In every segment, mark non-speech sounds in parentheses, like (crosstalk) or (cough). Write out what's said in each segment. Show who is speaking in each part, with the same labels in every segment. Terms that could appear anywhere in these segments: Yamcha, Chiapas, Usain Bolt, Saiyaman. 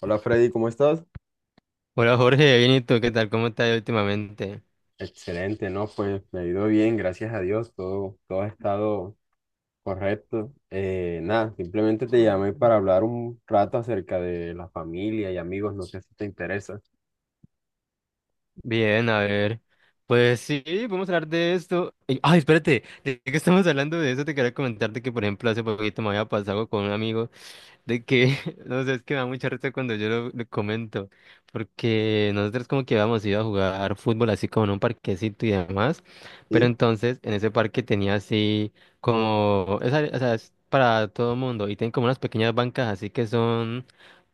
Speaker 1: Hola Freddy, ¿cómo estás?
Speaker 2: Hola Jorge, bien ¿y tú, ¿qué tal? ¿Cómo estás últimamente?
Speaker 1: Excelente, ¿no? Pues me ha ido bien, gracias a Dios, todo ha estado correcto. Nada, Simplemente te llamé para hablar un rato acerca de la familia y amigos, no sé si te interesa.
Speaker 2: Bien, a ver. Pues sí, podemos hablar de esto. Ay, espérate, de que estamos hablando de eso, te quería comentarte que, por ejemplo, hace poquito me había pasado con un amigo. de que, (laughs) no sé, es que me da mucha risa cuando yo lo comento, porque nosotros como que habíamos ido a jugar fútbol así como en un parquecito y demás, pero
Speaker 1: Sí,
Speaker 2: entonces en ese parque tenía así como, esa, o sea, es para todo el mundo y tienen como unas pequeñas bancas así que son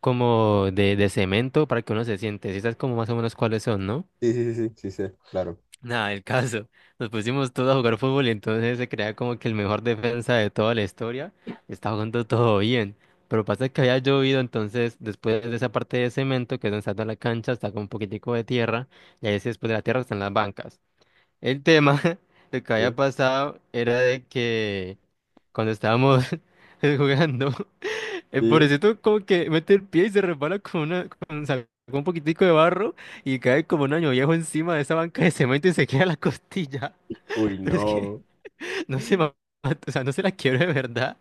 Speaker 2: como de cemento para que uno se siente, si sabes como más o menos cuáles son, ¿no?
Speaker 1: sí, sí, sí, sí, sí, sé, claro.
Speaker 2: Nada, el caso. Nos pusimos todos a jugar fútbol y entonces se creía como que el mejor defensa de toda la historia estaba jugando todo bien. Pero pasa que había llovido, entonces después de esa parte de cemento que es donde está toda la cancha, está con un poquitico de tierra y ahí sí, después de la tierra están las bancas. El tema, (laughs) lo que había
Speaker 1: Sí.
Speaker 2: pasado era de que cuando estábamos (laughs) jugando,
Speaker 1: Sí.
Speaker 2: pobrecito como que mete el pie y se resbala con una, con, sacó un poquitico de barro y cae como un año viejo encima de esa banca de cemento y se queda la costilla.
Speaker 1: Uy,
Speaker 2: (laughs) Pero es que
Speaker 1: no.
Speaker 2: no se ma- o sea, no se la quiebra de verdad,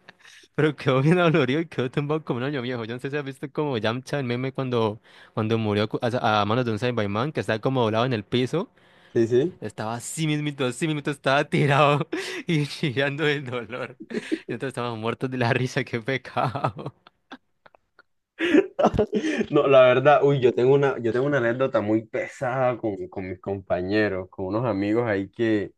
Speaker 2: pero quedó bien dolorido y quedó tumbado como un año viejo. Yo no sé si has visto como Yamcha, el meme, cuando, cuando murió a manos de un Saiyaman, que estaba como doblado en el piso,
Speaker 1: Sí, sí.
Speaker 2: estaba así mismito, estaba tirado (laughs) y chillando del dolor. Y nosotros estábamos muertos de la risa, qué pecado.
Speaker 1: (laughs) No, la verdad, uy, yo tengo una anécdota muy pesada con mis compañeros, con unos amigos ahí que.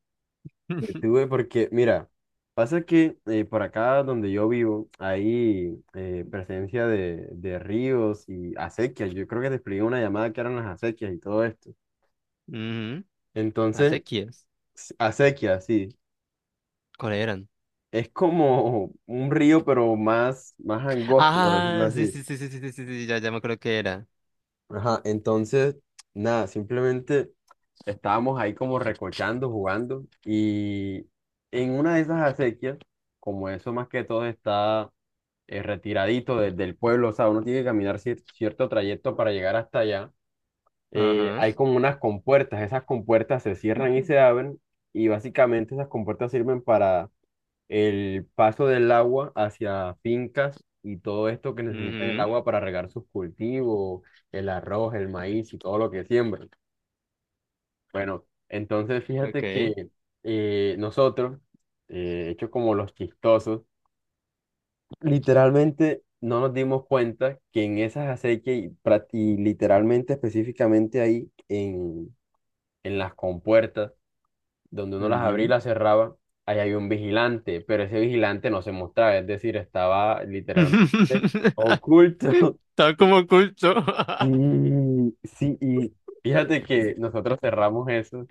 Speaker 1: que
Speaker 2: (laughs)
Speaker 1: tuve porque, mira, pasa que por acá donde yo vivo hay presencia de ríos y acequias. Yo creo que te expliqué una llamada que eran las acequias y todo esto.
Speaker 2: Ujú.
Speaker 1: Entonces,
Speaker 2: Acequias.
Speaker 1: acequia, sí,
Speaker 2: ¿Cuál eran?
Speaker 1: es como (laughs) un río, pero más angosto, por decirlo
Speaker 2: Ah, sí,
Speaker 1: así.
Speaker 2: sí, sí, sí, sí, sí, sí, sí, ya, ya me acuerdo que era.
Speaker 1: Ajá, entonces, nada, simplemente estábamos ahí como recochando, jugando y en una de esas acequias, como eso más que todo está retiradito del pueblo, o sea, uno tiene que caminar cierto trayecto para llegar hasta allá.
Speaker 2: Ajá.
Speaker 1: Hay como unas compuertas, esas compuertas se cierran y se abren y básicamente esas compuertas sirven para el paso del agua hacia fincas y todo esto que necesitan el
Speaker 2: Mhm,
Speaker 1: agua para regar sus cultivos, el arroz, el maíz y todo lo que siembran. Bueno, entonces fíjate
Speaker 2: okay,
Speaker 1: que eh, nosotros, hecho como los chistosos, literalmente no nos dimos cuenta que en esas acequias y literalmente específicamente ahí en las compuertas, donde uno las abría y
Speaker 2: ujú.
Speaker 1: las cerraba, ahí hay un vigilante, pero ese vigilante no se mostraba, es decir, estaba
Speaker 2: (laughs)
Speaker 1: literalmente oculto.
Speaker 2: Está como
Speaker 1: (laughs)
Speaker 2: oculto.
Speaker 1: Sí, sí, y fíjate que nosotros cerramos eso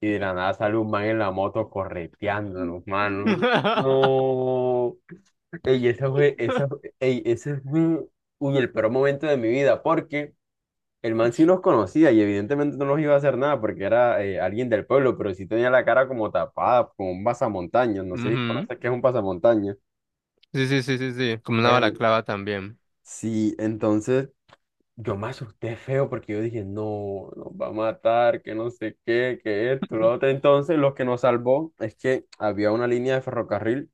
Speaker 1: y de la nada sale un man en la moto correteándonos, mano.
Speaker 2: (laughs)
Speaker 1: No. Ey, esa fue, ey, ese fue, uy, el peor momento de mi vida, porque el man sí los conocía y evidentemente no los iba a hacer nada porque era alguien del pueblo, pero sí tenía la cara como tapada, como un pasamontañas, no sé si
Speaker 2: Ujú.
Speaker 1: conoces qué es un pasamontañas.
Speaker 2: Sí, sí, sí, sí, sí. Como una
Speaker 1: Bueno,
Speaker 2: balaclava también.
Speaker 1: sí, entonces yo me asusté feo porque yo dije, no, nos va a matar, que no sé qué, que esto, lo otro. Entonces, lo que nos salvó es que había una línea de ferrocarril.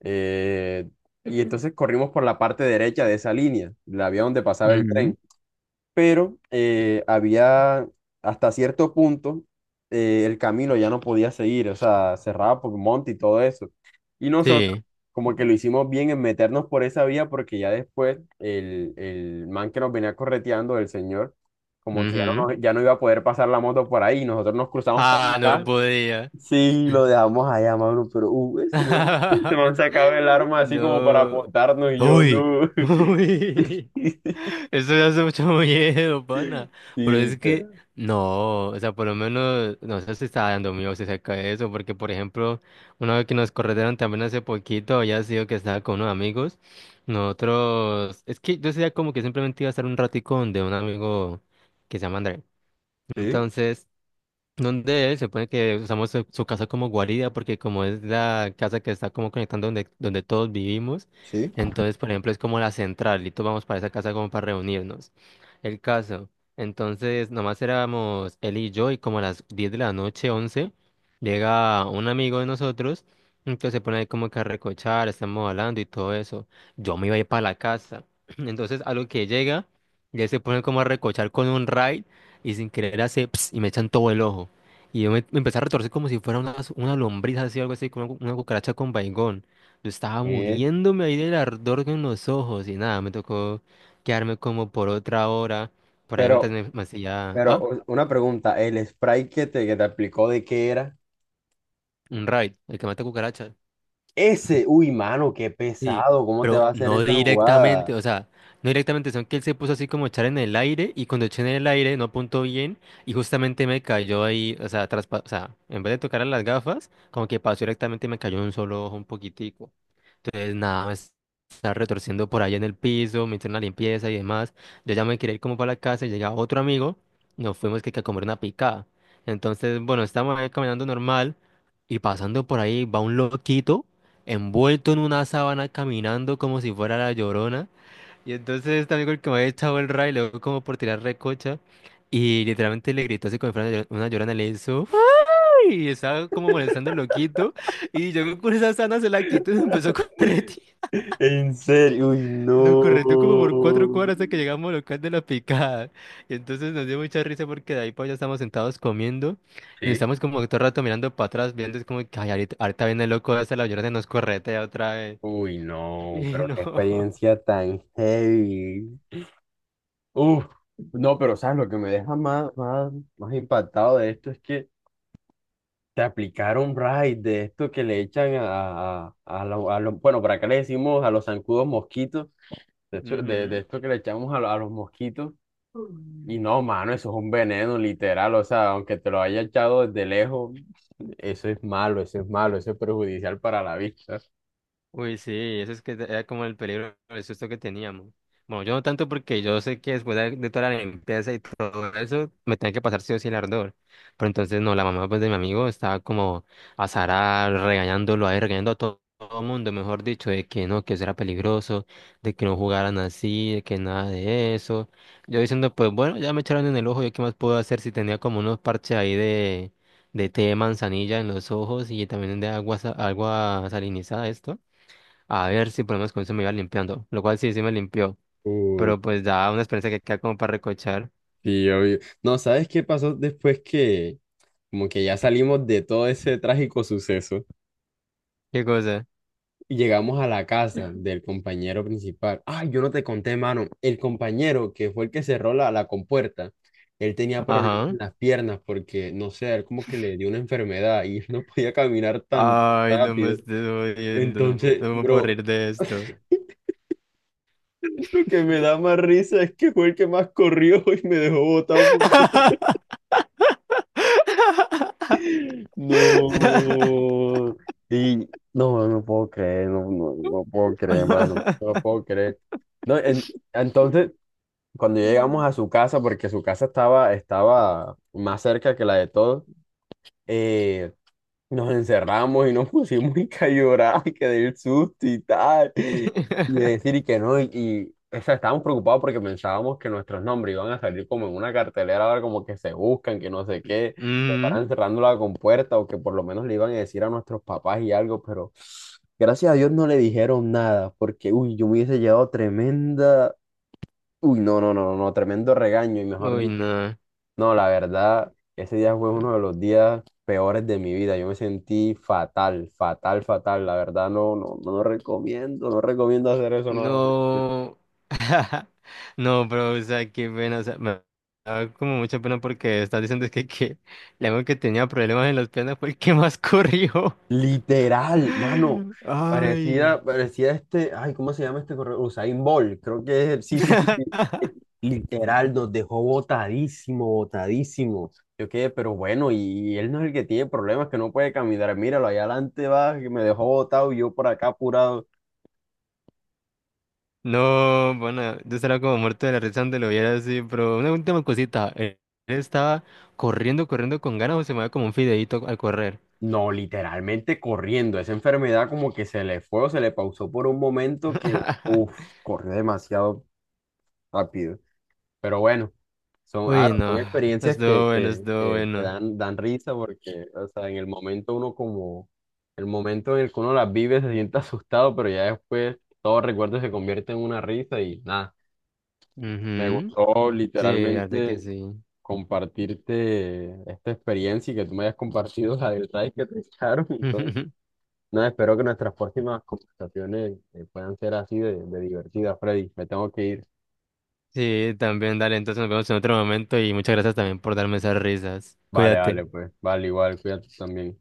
Speaker 1: Eh, y entonces corrimos por la parte derecha de esa línea, la vía donde pasaba el
Speaker 2: Ujú.
Speaker 1: tren. Pero había hasta cierto punto el camino ya no podía seguir, o sea, cerraba por monte y todo eso. Y nosotros
Speaker 2: Sí.
Speaker 1: como que lo hicimos bien en meternos por esa vía porque ya después el man que nos venía correteando, el señor, como que ya no,
Speaker 2: Ujú.
Speaker 1: ya no iba a poder pasar la moto por ahí. Nosotros nos cruzamos por
Speaker 2: Ah, no
Speaker 1: acá.
Speaker 2: podía.
Speaker 1: Sí, lo dejamos allá, mano, pero ese
Speaker 2: (laughs)
Speaker 1: man sacaba el arma así como para
Speaker 2: No.
Speaker 1: apuntarnos y yo
Speaker 2: Uy.
Speaker 1: no.
Speaker 2: Uy.
Speaker 1: (laughs)
Speaker 2: Eso me hace mucho miedo, pana.
Speaker 1: Sí,
Speaker 2: Pero es que,
Speaker 1: literal.
Speaker 2: no, o sea, por lo menos, no sé si está dando miedo si se cae eso, porque, por ejemplo, una vez que nos corrieron también hace poquito, había sido que estaba con unos amigos, nosotros, es que yo decía como que simplemente iba a estar un ratico donde un amigo que se llama André.
Speaker 1: Sí,
Speaker 2: Entonces, donde él se pone que usamos su casa como guarida, porque como es la casa que está como conectando donde, donde todos vivimos,
Speaker 1: sí.
Speaker 2: entonces, por ejemplo, es como la central y todos vamos para esa casa como para reunirnos. El caso, entonces, nomás éramos él y yo y como a las 10 de la noche, 11, llega un amigo de nosotros, entonces se pone ahí como que a recochar, estamos hablando y todo eso. Yo me iba a ir para la casa. (clears throat) Entonces, a lo que llega, ya se pone como a recochar con un ride y sin querer hace ps, y me echan todo el ojo. Y yo me empecé a retorcer como si fuera una lombriz así, algo así, como una, una cucaracha con vaingón. Yo estaba
Speaker 1: Eh,
Speaker 2: muriéndome ahí del ardor en los ojos y nada, me tocó quedarme como por otra hora, por ahí mientras
Speaker 1: pero,
Speaker 2: me hacía,
Speaker 1: pero
Speaker 2: ah,
Speaker 1: una pregunta, el spray que te aplicó de qué era,
Speaker 2: un raid, el que mata cucarachas.
Speaker 1: ese, uy, mano, qué
Speaker 2: Sí,
Speaker 1: pesado, ¿cómo te va
Speaker 2: pero
Speaker 1: a hacer
Speaker 2: no
Speaker 1: esa jugada?
Speaker 2: directamente, o sea, no directamente, sino que él se puso así como a echar en el aire y cuando eché en el aire no apuntó bien y justamente me cayó ahí, o sea, o sea, en vez de tocar a las gafas, como que pasó directamente y me cayó en un solo ojo un poquitico. Entonces, nada, me estaba retorciendo por allá en el piso, me hicieron la limpieza y demás. Yo ya me quería ir como para la casa y llega otro amigo, nos fuimos que a comer una picada. Entonces, bueno, estamos ahí caminando normal y pasando por ahí va un loquito envuelto en una sábana caminando como si fuera la Llorona. Y entonces este amigo el que me había echado el ray le dio como por tirar recocha y literalmente le gritó así como si fuera una una Llorona, le hizo ¡ay! Y estaba como molestando al loquito. Y yo con esa sana se la quito y empezó a (laughs) correr.
Speaker 1: (laughs) En serio, uy,
Speaker 2: Nos correteó como por 4
Speaker 1: no.
Speaker 2: cuadras hasta que llegamos al local de la picada. Y entonces nos dio mucha risa porque de ahí para allá estamos sentados comiendo y nos
Speaker 1: Sí.
Speaker 2: estamos como todo el rato mirando para atrás, viendo es como que "Ay, ahorita, ahorita viene el loco hasta la llorona y nos corretea otra vez".
Speaker 1: Uy,
Speaker 2: (laughs)
Speaker 1: no,
Speaker 2: Y
Speaker 1: pero
Speaker 2: no.
Speaker 1: qué experiencia tan heavy. Uf, no, pero sabes, lo que me deja más impactado de esto es que te aplicaron raid de esto que le echan a a los, bueno, para acá le decimos a los zancudos mosquitos, de, hecho, de
Speaker 2: Ujú.
Speaker 1: esto que le echamos a, a los mosquitos. Y no, mano, eso es un veneno literal, o sea, aunque te lo haya echado desde lejos, eso es malo, eso es malo, eso es perjudicial para la vista.
Speaker 2: Uy, sí, eso es que era como el peligro, el susto que teníamos. Bueno, yo no tanto porque yo sé que después de toda la limpieza y todo eso, me tenía que pasar sí o sí el ardor. Pero entonces, no, la mamá pues, de mi amigo estaba como azarada, regañándolo ahí, regañando a todo el mundo, mejor dicho, de que no, que eso era peligroso, de que no jugaran así, de que nada de eso. Yo diciendo, pues bueno, ya me echaron en el ojo, ¿yo qué más puedo hacer si tenía como unos parches ahí de té de manzanilla en los ojos y también de agua, agua salinizada, esto? A ver si por lo menos con eso me iba limpiando. Lo cual sí, sí me limpió.
Speaker 1: Uy,
Speaker 2: Pero pues da una experiencia que queda como para recochar.
Speaker 1: sí, obvio. No, ¿sabes qué pasó después que como que ya salimos de todo ese trágico suceso?
Speaker 2: ¿Qué cosa?
Speaker 1: Y llegamos a la casa del compañero principal. Ay, yo no te conté, mano. El compañero que fue el que cerró la compuerta, él tenía problemas
Speaker 2: Ajá.
Speaker 1: en las piernas porque, no sé, él como que le dio una enfermedad y (laughs) él no podía caminar tan
Speaker 2: Ay, no me
Speaker 1: rápido.
Speaker 2: estoy jodiendo. No,
Speaker 1: Entonces,
Speaker 2: no me puedo
Speaker 1: bro,
Speaker 2: reír de esto.
Speaker 1: lo que me da más risa es que fue el que más corrió y me dejó botado.
Speaker 2: (laughs)
Speaker 1: (laughs) No. Y no, no puedo creer, no, no, no puedo creer, mano. No puedo creer. No, entonces, cuando llegamos
Speaker 2: Mm.
Speaker 1: a su casa, porque su casa estaba más cerca que la de todos, eh, nos encerramos y nos (laughs) pusimos y que a llorar, que del susto y tal, y
Speaker 2: (laughs)
Speaker 1: decir y que no, o sea, estábamos preocupados porque pensábamos que nuestros nombres iban a salir como en una cartelera, ahora como que se buscan, que no sé qué, que
Speaker 2: Mm.
Speaker 1: paran cerrando la compuerta o que por lo menos le iban a decir a nuestros papás y algo, pero... Gracias a Dios no le dijeron nada, porque uy, yo me hubiese llevado tremenda. Uy, no, no, no, no, no, tremendo regaño y mejor
Speaker 2: Uy,
Speaker 1: dicho.
Speaker 2: no.
Speaker 1: No, la verdad, ese día fue uno de los días peores de mi vida. Yo me sentí fatal, fatal, fatal. La verdad, no, no, no recomiendo, no recomiendo hacer eso nuevamente.
Speaker 2: No. (laughs) No, pero, o sea, qué pena. O sea, me da como mucha pena porque estás diciendo que la única que tenía problemas en las piernas fue el que más corrió.
Speaker 1: Literal, mano.
Speaker 2: (laughs) Ay.
Speaker 1: Parecía, parecía este, ay, ¿cómo se llama este correo? Usain Bolt, creo que es, sí, sí, sí, sí. Eh,
Speaker 2: (laughs)
Speaker 1: Literal, nos dejó botadísimo, botadísimo. Yo quedé, pero bueno, y él no es el que tiene problemas, que no puede caminar. Míralo, allá adelante va, que me dejó botado y yo por acá apurado.
Speaker 2: No, bueno, yo estaba como muerto de la risa donde lo viera así, pero una última cosita. Él estaba corriendo, corriendo con ganas o se mueve como un fideíto al correr.
Speaker 1: No, literalmente corriendo. Esa enfermedad como que se le fue o se le pausó por un momento que, uff,
Speaker 2: (laughs)
Speaker 1: corrió demasiado rápido. Pero bueno, son,
Speaker 2: Uy,
Speaker 1: son
Speaker 2: no,
Speaker 1: experiencias
Speaker 2: estuvo bueno, estuvo
Speaker 1: que
Speaker 2: bueno.
Speaker 1: dan, dan risa porque, o sea, en el momento uno como, el momento en el que uno las vive se siente (laughs) asustado, pero ya después todo recuerdo se convierte en una risa y nada, me
Speaker 2: Ujú.
Speaker 1: gustó
Speaker 2: Sí, la verdad que
Speaker 1: literalmente
Speaker 2: sí.
Speaker 1: compartirte esta experiencia y que tú me hayas compartido la del raid que te echaron. Entonces,
Speaker 2: (laughs)
Speaker 1: nada, espero que nuestras próximas conversaciones puedan ser así de divertidas, Freddy. Me tengo que ir.
Speaker 2: Sí, también, dale, entonces nos vemos en otro momento y muchas gracias también por darme esas risas.
Speaker 1: Vale,
Speaker 2: Cuídate.
Speaker 1: vale, pues, vale, igual, cuídate también.